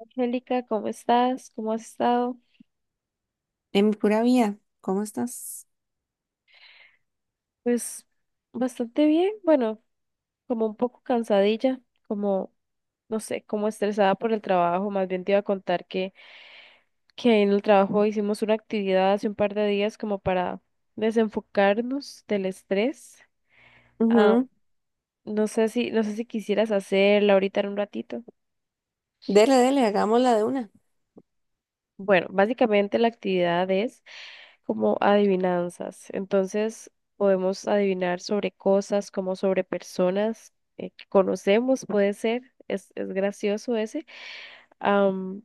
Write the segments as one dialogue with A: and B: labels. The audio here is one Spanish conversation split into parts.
A: Angélica, ¿cómo estás? ¿Cómo has estado?
B: En mi pura vida, ¿cómo estás?
A: Pues bastante bien, bueno, como un poco cansadilla, como, no sé, como estresada por el trabajo. Más bien te iba a contar que en el trabajo hicimos una actividad hace un par de días como para desenfocarnos del estrés. Ah,
B: Ujú.
A: no sé si quisieras hacerla ahorita en un ratito.
B: Dele, dele, hagámosla de una.
A: Bueno, básicamente la actividad es como adivinanzas. Entonces, podemos adivinar sobre cosas como sobre personas que conocemos, puede ser, es gracioso ese, am,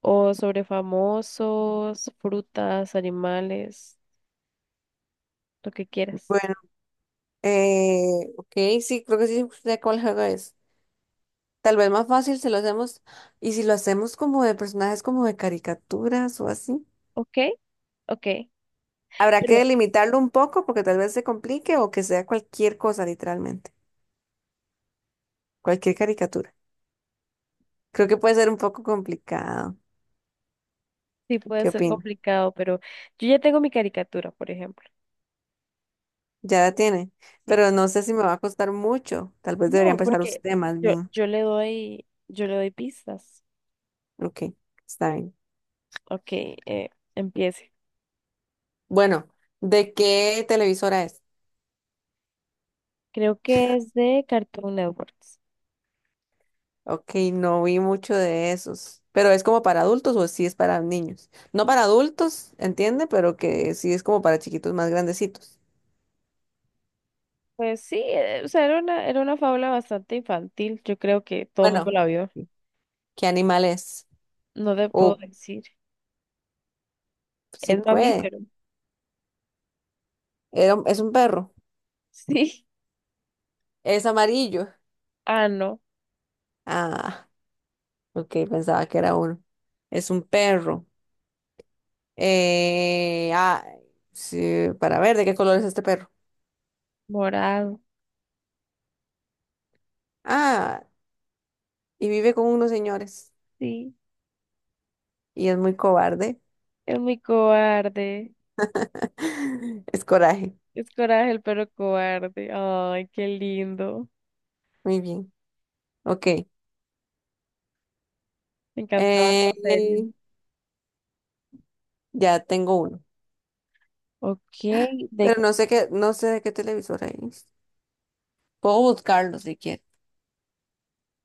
A: o sobre famosos, frutas, animales, lo que quieras.
B: Bueno, ok, sí, creo que sí sé cuál juego es. Tal vez más fácil si lo hacemos, y si lo hacemos como de personajes como de caricaturas o así.
A: ¿Ok? Ok.
B: Habrá que
A: Pero
B: delimitarlo un poco porque tal vez se complique o que sea cualquier cosa, literalmente. Cualquier caricatura. Creo que puede ser un poco complicado.
A: sí puede
B: ¿Qué
A: ser
B: opina?
A: complicado, pero yo ya tengo mi caricatura, por ejemplo.
B: Ya la tiene.
A: Sí.
B: Pero no sé si me va a costar mucho. Tal vez debería
A: No,
B: empezar
A: porque
B: usted más
A: yo,
B: bien.
A: yo le doy, yo le doy pistas.
B: Ok, está bien.
A: Ok, empiece.
B: Bueno, ¿de qué televisora es?
A: Creo que es de Cartoon Networks.
B: Ok, no vi mucho de esos. ¿Pero es como para adultos o sí es para niños? No para adultos, entiende, pero que sí es como para chiquitos más grandecitos.
A: Pues sí, o sea, era una fábula bastante infantil. Yo creo que todo el mundo
B: Bueno,
A: la vio.
B: ¿qué animal es?
A: No te puedo
B: O
A: decir.
B: si
A: Es
B: puede.
A: mamífero.
B: Es un perro.
A: Sí.
B: Es amarillo.
A: Ah, no.
B: Ah, ok, pensaba que era uno. Es un perro. Eh, ah, sí, para ver de qué color es este perro.
A: Morado.
B: Ah, y vive con unos señores.
A: Sí.
B: Y es muy cobarde.
A: Es muy cobarde.
B: Es Coraje.
A: Es Coraje el perro cobarde. Ay, qué lindo.
B: Muy bien. Ok.
A: Me encantaba la serie.
B: Eh, ya tengo uno.
A: Ok, de,
B: Pero
A: qué-
B: no sé de qué televisora es. Puedo buscarlo si quiere.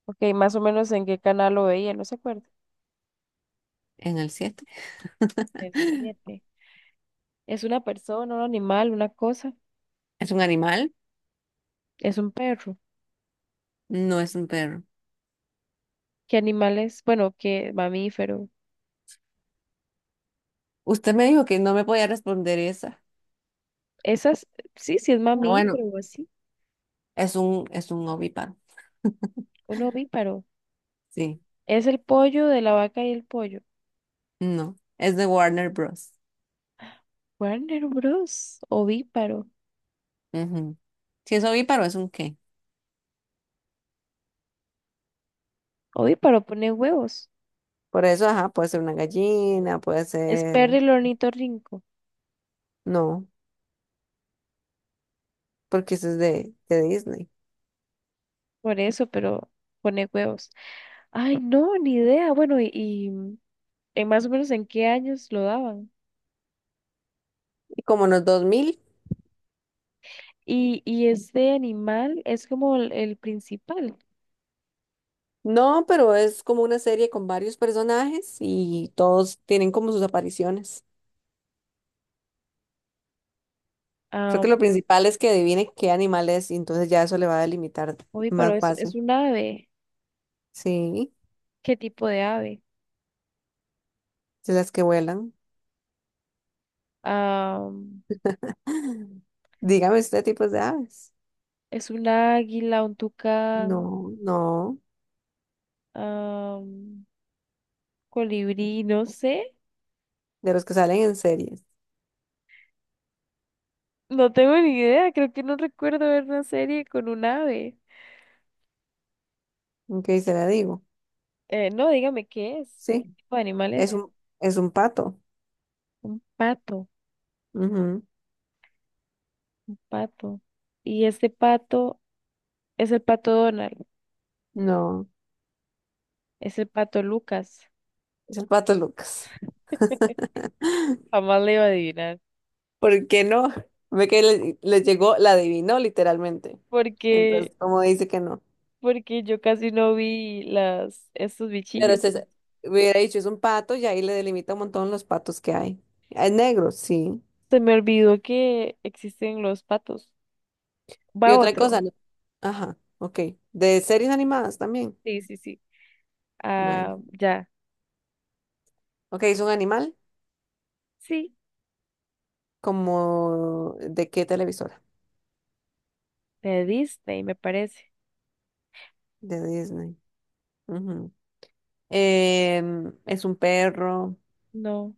A: Okay, más o menos en qué canal lo veía, no se acuerda.
B: En el 7.
A: El 7. ¿Es una persona, un animal, una cosa?
B: ¿Es un animal?
A: Es un perro.
B: No es un perro.
A: ¿Qué animales? Bueno, qué mamífero.
B: Usted me dijo que no me podía responder esa.
A: Esas, sí, sí es
B: Ah, bueno,
A: mamífero o así.
B: es es un ovíparo.
A: Un ovíparo.
B: Sí.
A: Es el pollo de la vaca y el pollo.
B: No. Es de Warner Bros.
A: Warner Bros. Ovíparo.
B: Ujú. Si es ovíparo, ¿es un qué?
A: Ovíparo pone huevos.
B: Por eso, ajá, puede ser una gallina, puede
A: Es perro
B: ser.
A: el ornitorrinco.
B: No, porque eso es de Disney.
A: Por eso, pero pone huevos. Ay, no, ni idea. Bueno, y en más o menos en qué años lo daban.
B: Como en los 2000.
A: Y este animal es como el principal.
B: No, pero es como una serie con varios personajes y todos tienen como sus apariciones. Creo que
A: Ah,
B: lo principal es que adivine qué animal es y entonces ya eso le va a delimitar
A: ovíparo,
B: más
A: es
B: fácil.
A: un ave.
B: Sí,
A: ¿Qué tipo de ave?
B: de las que vuelan.
A: am,
B: Dígame usted tipos de aves.
A: es un águila, un tucán,
B: No, no,
A: am, colibrí, no sé.
B: De los que salen en series.
A: No tengo ni idea, creo que no recuerdo ver una serie con un ave.
B: Ok, se la digo.
A: No, dígame qué es, qué
B: Sí,
A: tipo de animal
B: es
A: es.
B: es un pato.
A: Un pato,
B: Ujú.
A: un pato. Y este pato es el pato Donald,
B: No,
A: es el pato Lucas.
B: es el pato Lucas.
A: Jamás le iba a adivinar,
B: ¿Por qué no? Ve que le llegó, la adivinó literalmente. Entonces,
A: porque,
B: ¿cómo dice que no?
A: porque yo casi no vi estos
B: Pero
A: bichillos.
B: se, Hubiera dicho, es un pato y ahí le delimita un montón los patos que hay. Es negro, sí.
A: Se me olvidó que existen los patos.
B: Y
A: Va
B: otra
A: otro.
B: cosa, ajá, ok. De series animadas también.
A: Sí, sí, sí.
B: Bueno.
A: Ah, ya.
B: Ok, es un animal
A: Sí,
B: como ¿de qué televisora?
A: de Disney, me parece.
B: De Disney. Ujú. ¿Es un perro,
A: No,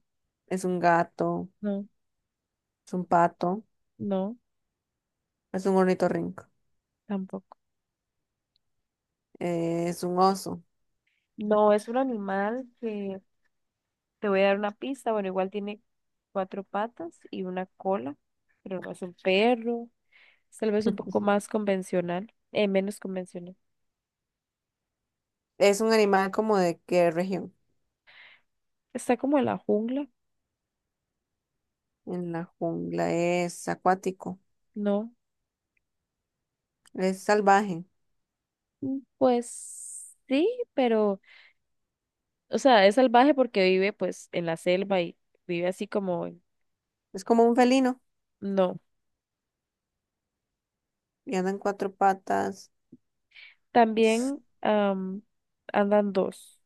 B: es un gato,
A: no,
B: es un pato,
A: no,
B: es un ornitorrinco,
A: tampoco.
B: es un oso?
A: No, es un animal que te voy a dar una pista. Bueno, igual tiene cuatro patas y una cola, pero no es un perro. Es tal vez un poco más convencional, menos convencional.
B: ¿Es un animal como de qué región?
A: Está como en la jungla,
B: En la jungla es acuático,
A: ¿no?
B: es salvaje,
A: Pues sí, pero, o sea, es salvaje porque vive pues en la selva y vive así como,
B: es como un felino
A: no.
B: y anda en cuatro patas.
A: También andan dos,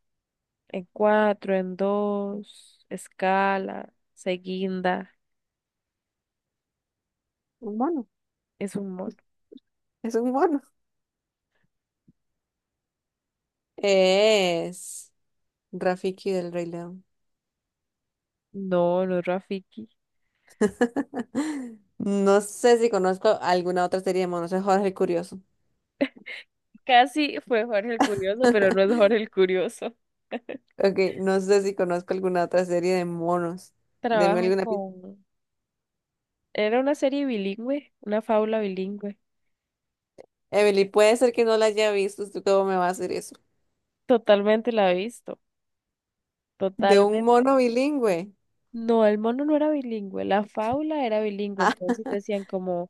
A: en cuatro, en dos, escala, seguinda,
B: Un mono,
A: es un mono.
B: es un mono. Es Rafiki del Rey León.
A: No, no es Rafiki.
B: No sé si conozco alguna otra serie de monos, es Jorge el Curioso.
A: Casi fue Jorge el Curioso, pero no es Jorge el Curioso.
B: Ok, no sé si conozco alguna otra serie de monos. Deme
A: Trabaja
B: alguna pista.
A: con. Era una serie bilingüe, una fábula bilingüe.
B: Emily, puede ser que no la haya visto, ¿tú cómo me va a hacer eso?
A: Totalmente la he visto,
B: De un
A: totalmente.
B: mono bilingüe.
A: No, el mono no era bilingüe, la fábula era bilingüe, entonces decían como,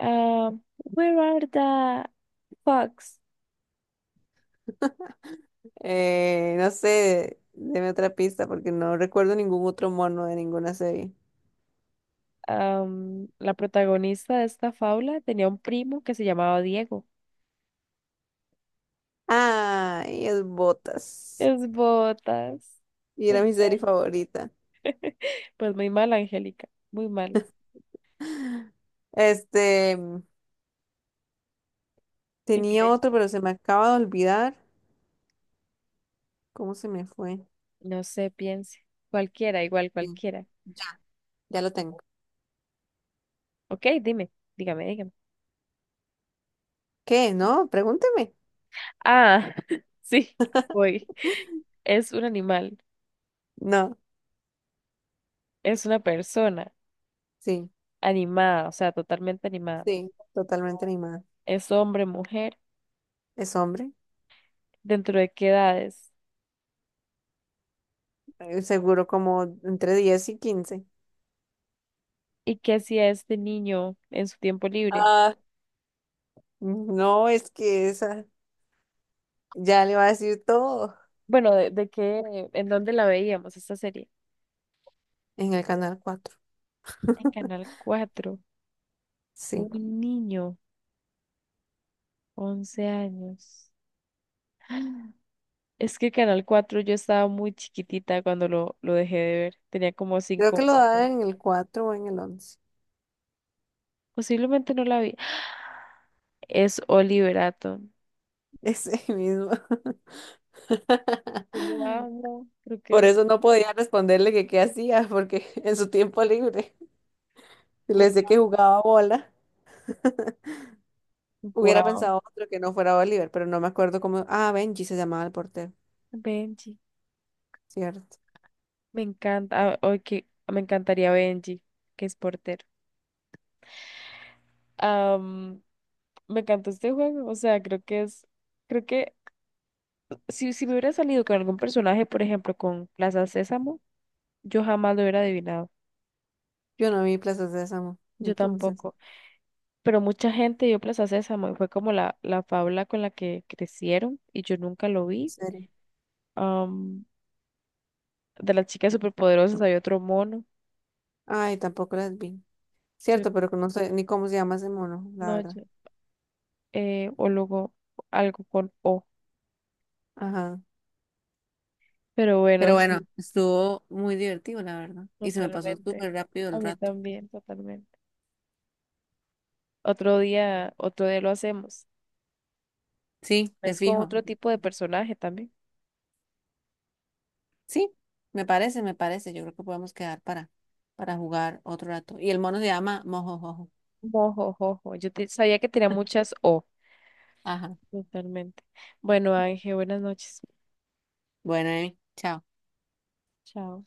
A: ah, where are the fox?
B: No sé, deme otra pista porque no recuerdo ningún otro mono de ninguna serie.
A: La protagonista de esta fábula tenía un primo que se llamaba Diego.
B: Ah, y es Botas.
A: Es botas.
B: Y
A: Me
B: era mi serie
A: encanta.
B: favorita.
A: Pues muy mal, Angélica. Muy mal.
B: Este, tenía
A: Increíble.
B: otro, pero se me acaba de olvidar. ¿Cómo se me fue?
A: No sé, piense. Cualquiera, igual,
B: Sí,
A: cualquiera.
B: ya, ya lo tengo.
A: Ok, dime, dígame, dígame.
B: ¿Qué? ¿No? Pregúnteme.
A: Ah, sí, voy. Es un animal,
B: No,
A: es una persona
B: sí,
A: animada, o sea, totalmente animada.
B: sí, totalmente animada.
A: Es hombre, mujer,
B: Es hombre,
A: ¿dentro de qué edades?
B: seguro como entre 10 y 15.
A: ¿Y qué hacía este niño en su tiempo libre?
B: Ah, no, es que esa ya le va a decir todo.
A: Bueno, de qué, en dónde la veíamos esta serie?
B: En el canal 4.
A: En Canal cuatro
B: Sí,
A: un niño, 11 años. Es que Canal cuatro yo estaba muy chiquitita cuando lo dejé de ver, tenía como
B: creo
A: 5 o
B: que lo
A: 4.
B: dan en el 4 o en el 11.
A: Posiblemente no la vi. Es Oliver Atom.
B: Ese mismo.
A: Yo lo amo, creo que
B: Por
A: es
B: eso no podía responderle que qué hacía, porque en su tiempo libre, si le decía que jugaba bola, hubiera
A: guau.
B: pensado otro que no fuera Oliver, pero no me acuerdo cómo. Ah, Benji se llamaba el portero,
A: Benji,
B: cierto.
A: me encanta, ok, me encantaría Benji, que es portero. Am, me encantó este juego, o sea, creo que si me hubiera salido con algún personaje, por ejemplo, con Plaza Sésamo, yo jamás lo hubiera adivinado.
B: Yo no vi Plaza Sésamo,
A: Yo
B: entonces,
A: tampoco. Pero mucha gente vio Plaza Sésamo y fue como la fábula con la que crecieron y yo nunca lo
B: en
A: vi.
B: serio.
A: Am, de las chicas superpoderosas había otro mono.
B: Ay, tampoco las vi.
A: Yo,
B: Cierto, pero que no sé ni cómo se llama ese mono, la
A: no,
B: verdad.
A: yo, o luego algo con O.
B: Ajá.
A: Pero
B: Pero
A: bueno,
B: bueno,
A: sí,
B: estuvo muy divertido, la verdad. Y se me pasó
A: totalmente.
B: súper rápido
A: A
B: el
A: mí
B: rato.
A: también, totalmente. Otro día lo hacemos.
B: Sí, te
A: Es con
B: fijo.
A: otro tipo de personaje también.
B: Sí, me parece, me parece. Yo creo que podemos quedar para jugar otro rato. Y el mono se llama Mojojojo.
A: Mojojojo. Sabía que tenía muchas O.
B: Ajá.
A: Totalmente. Bueno, Ángel, buenas noches.
B: Bueno, Emi, chao.
A: Chao.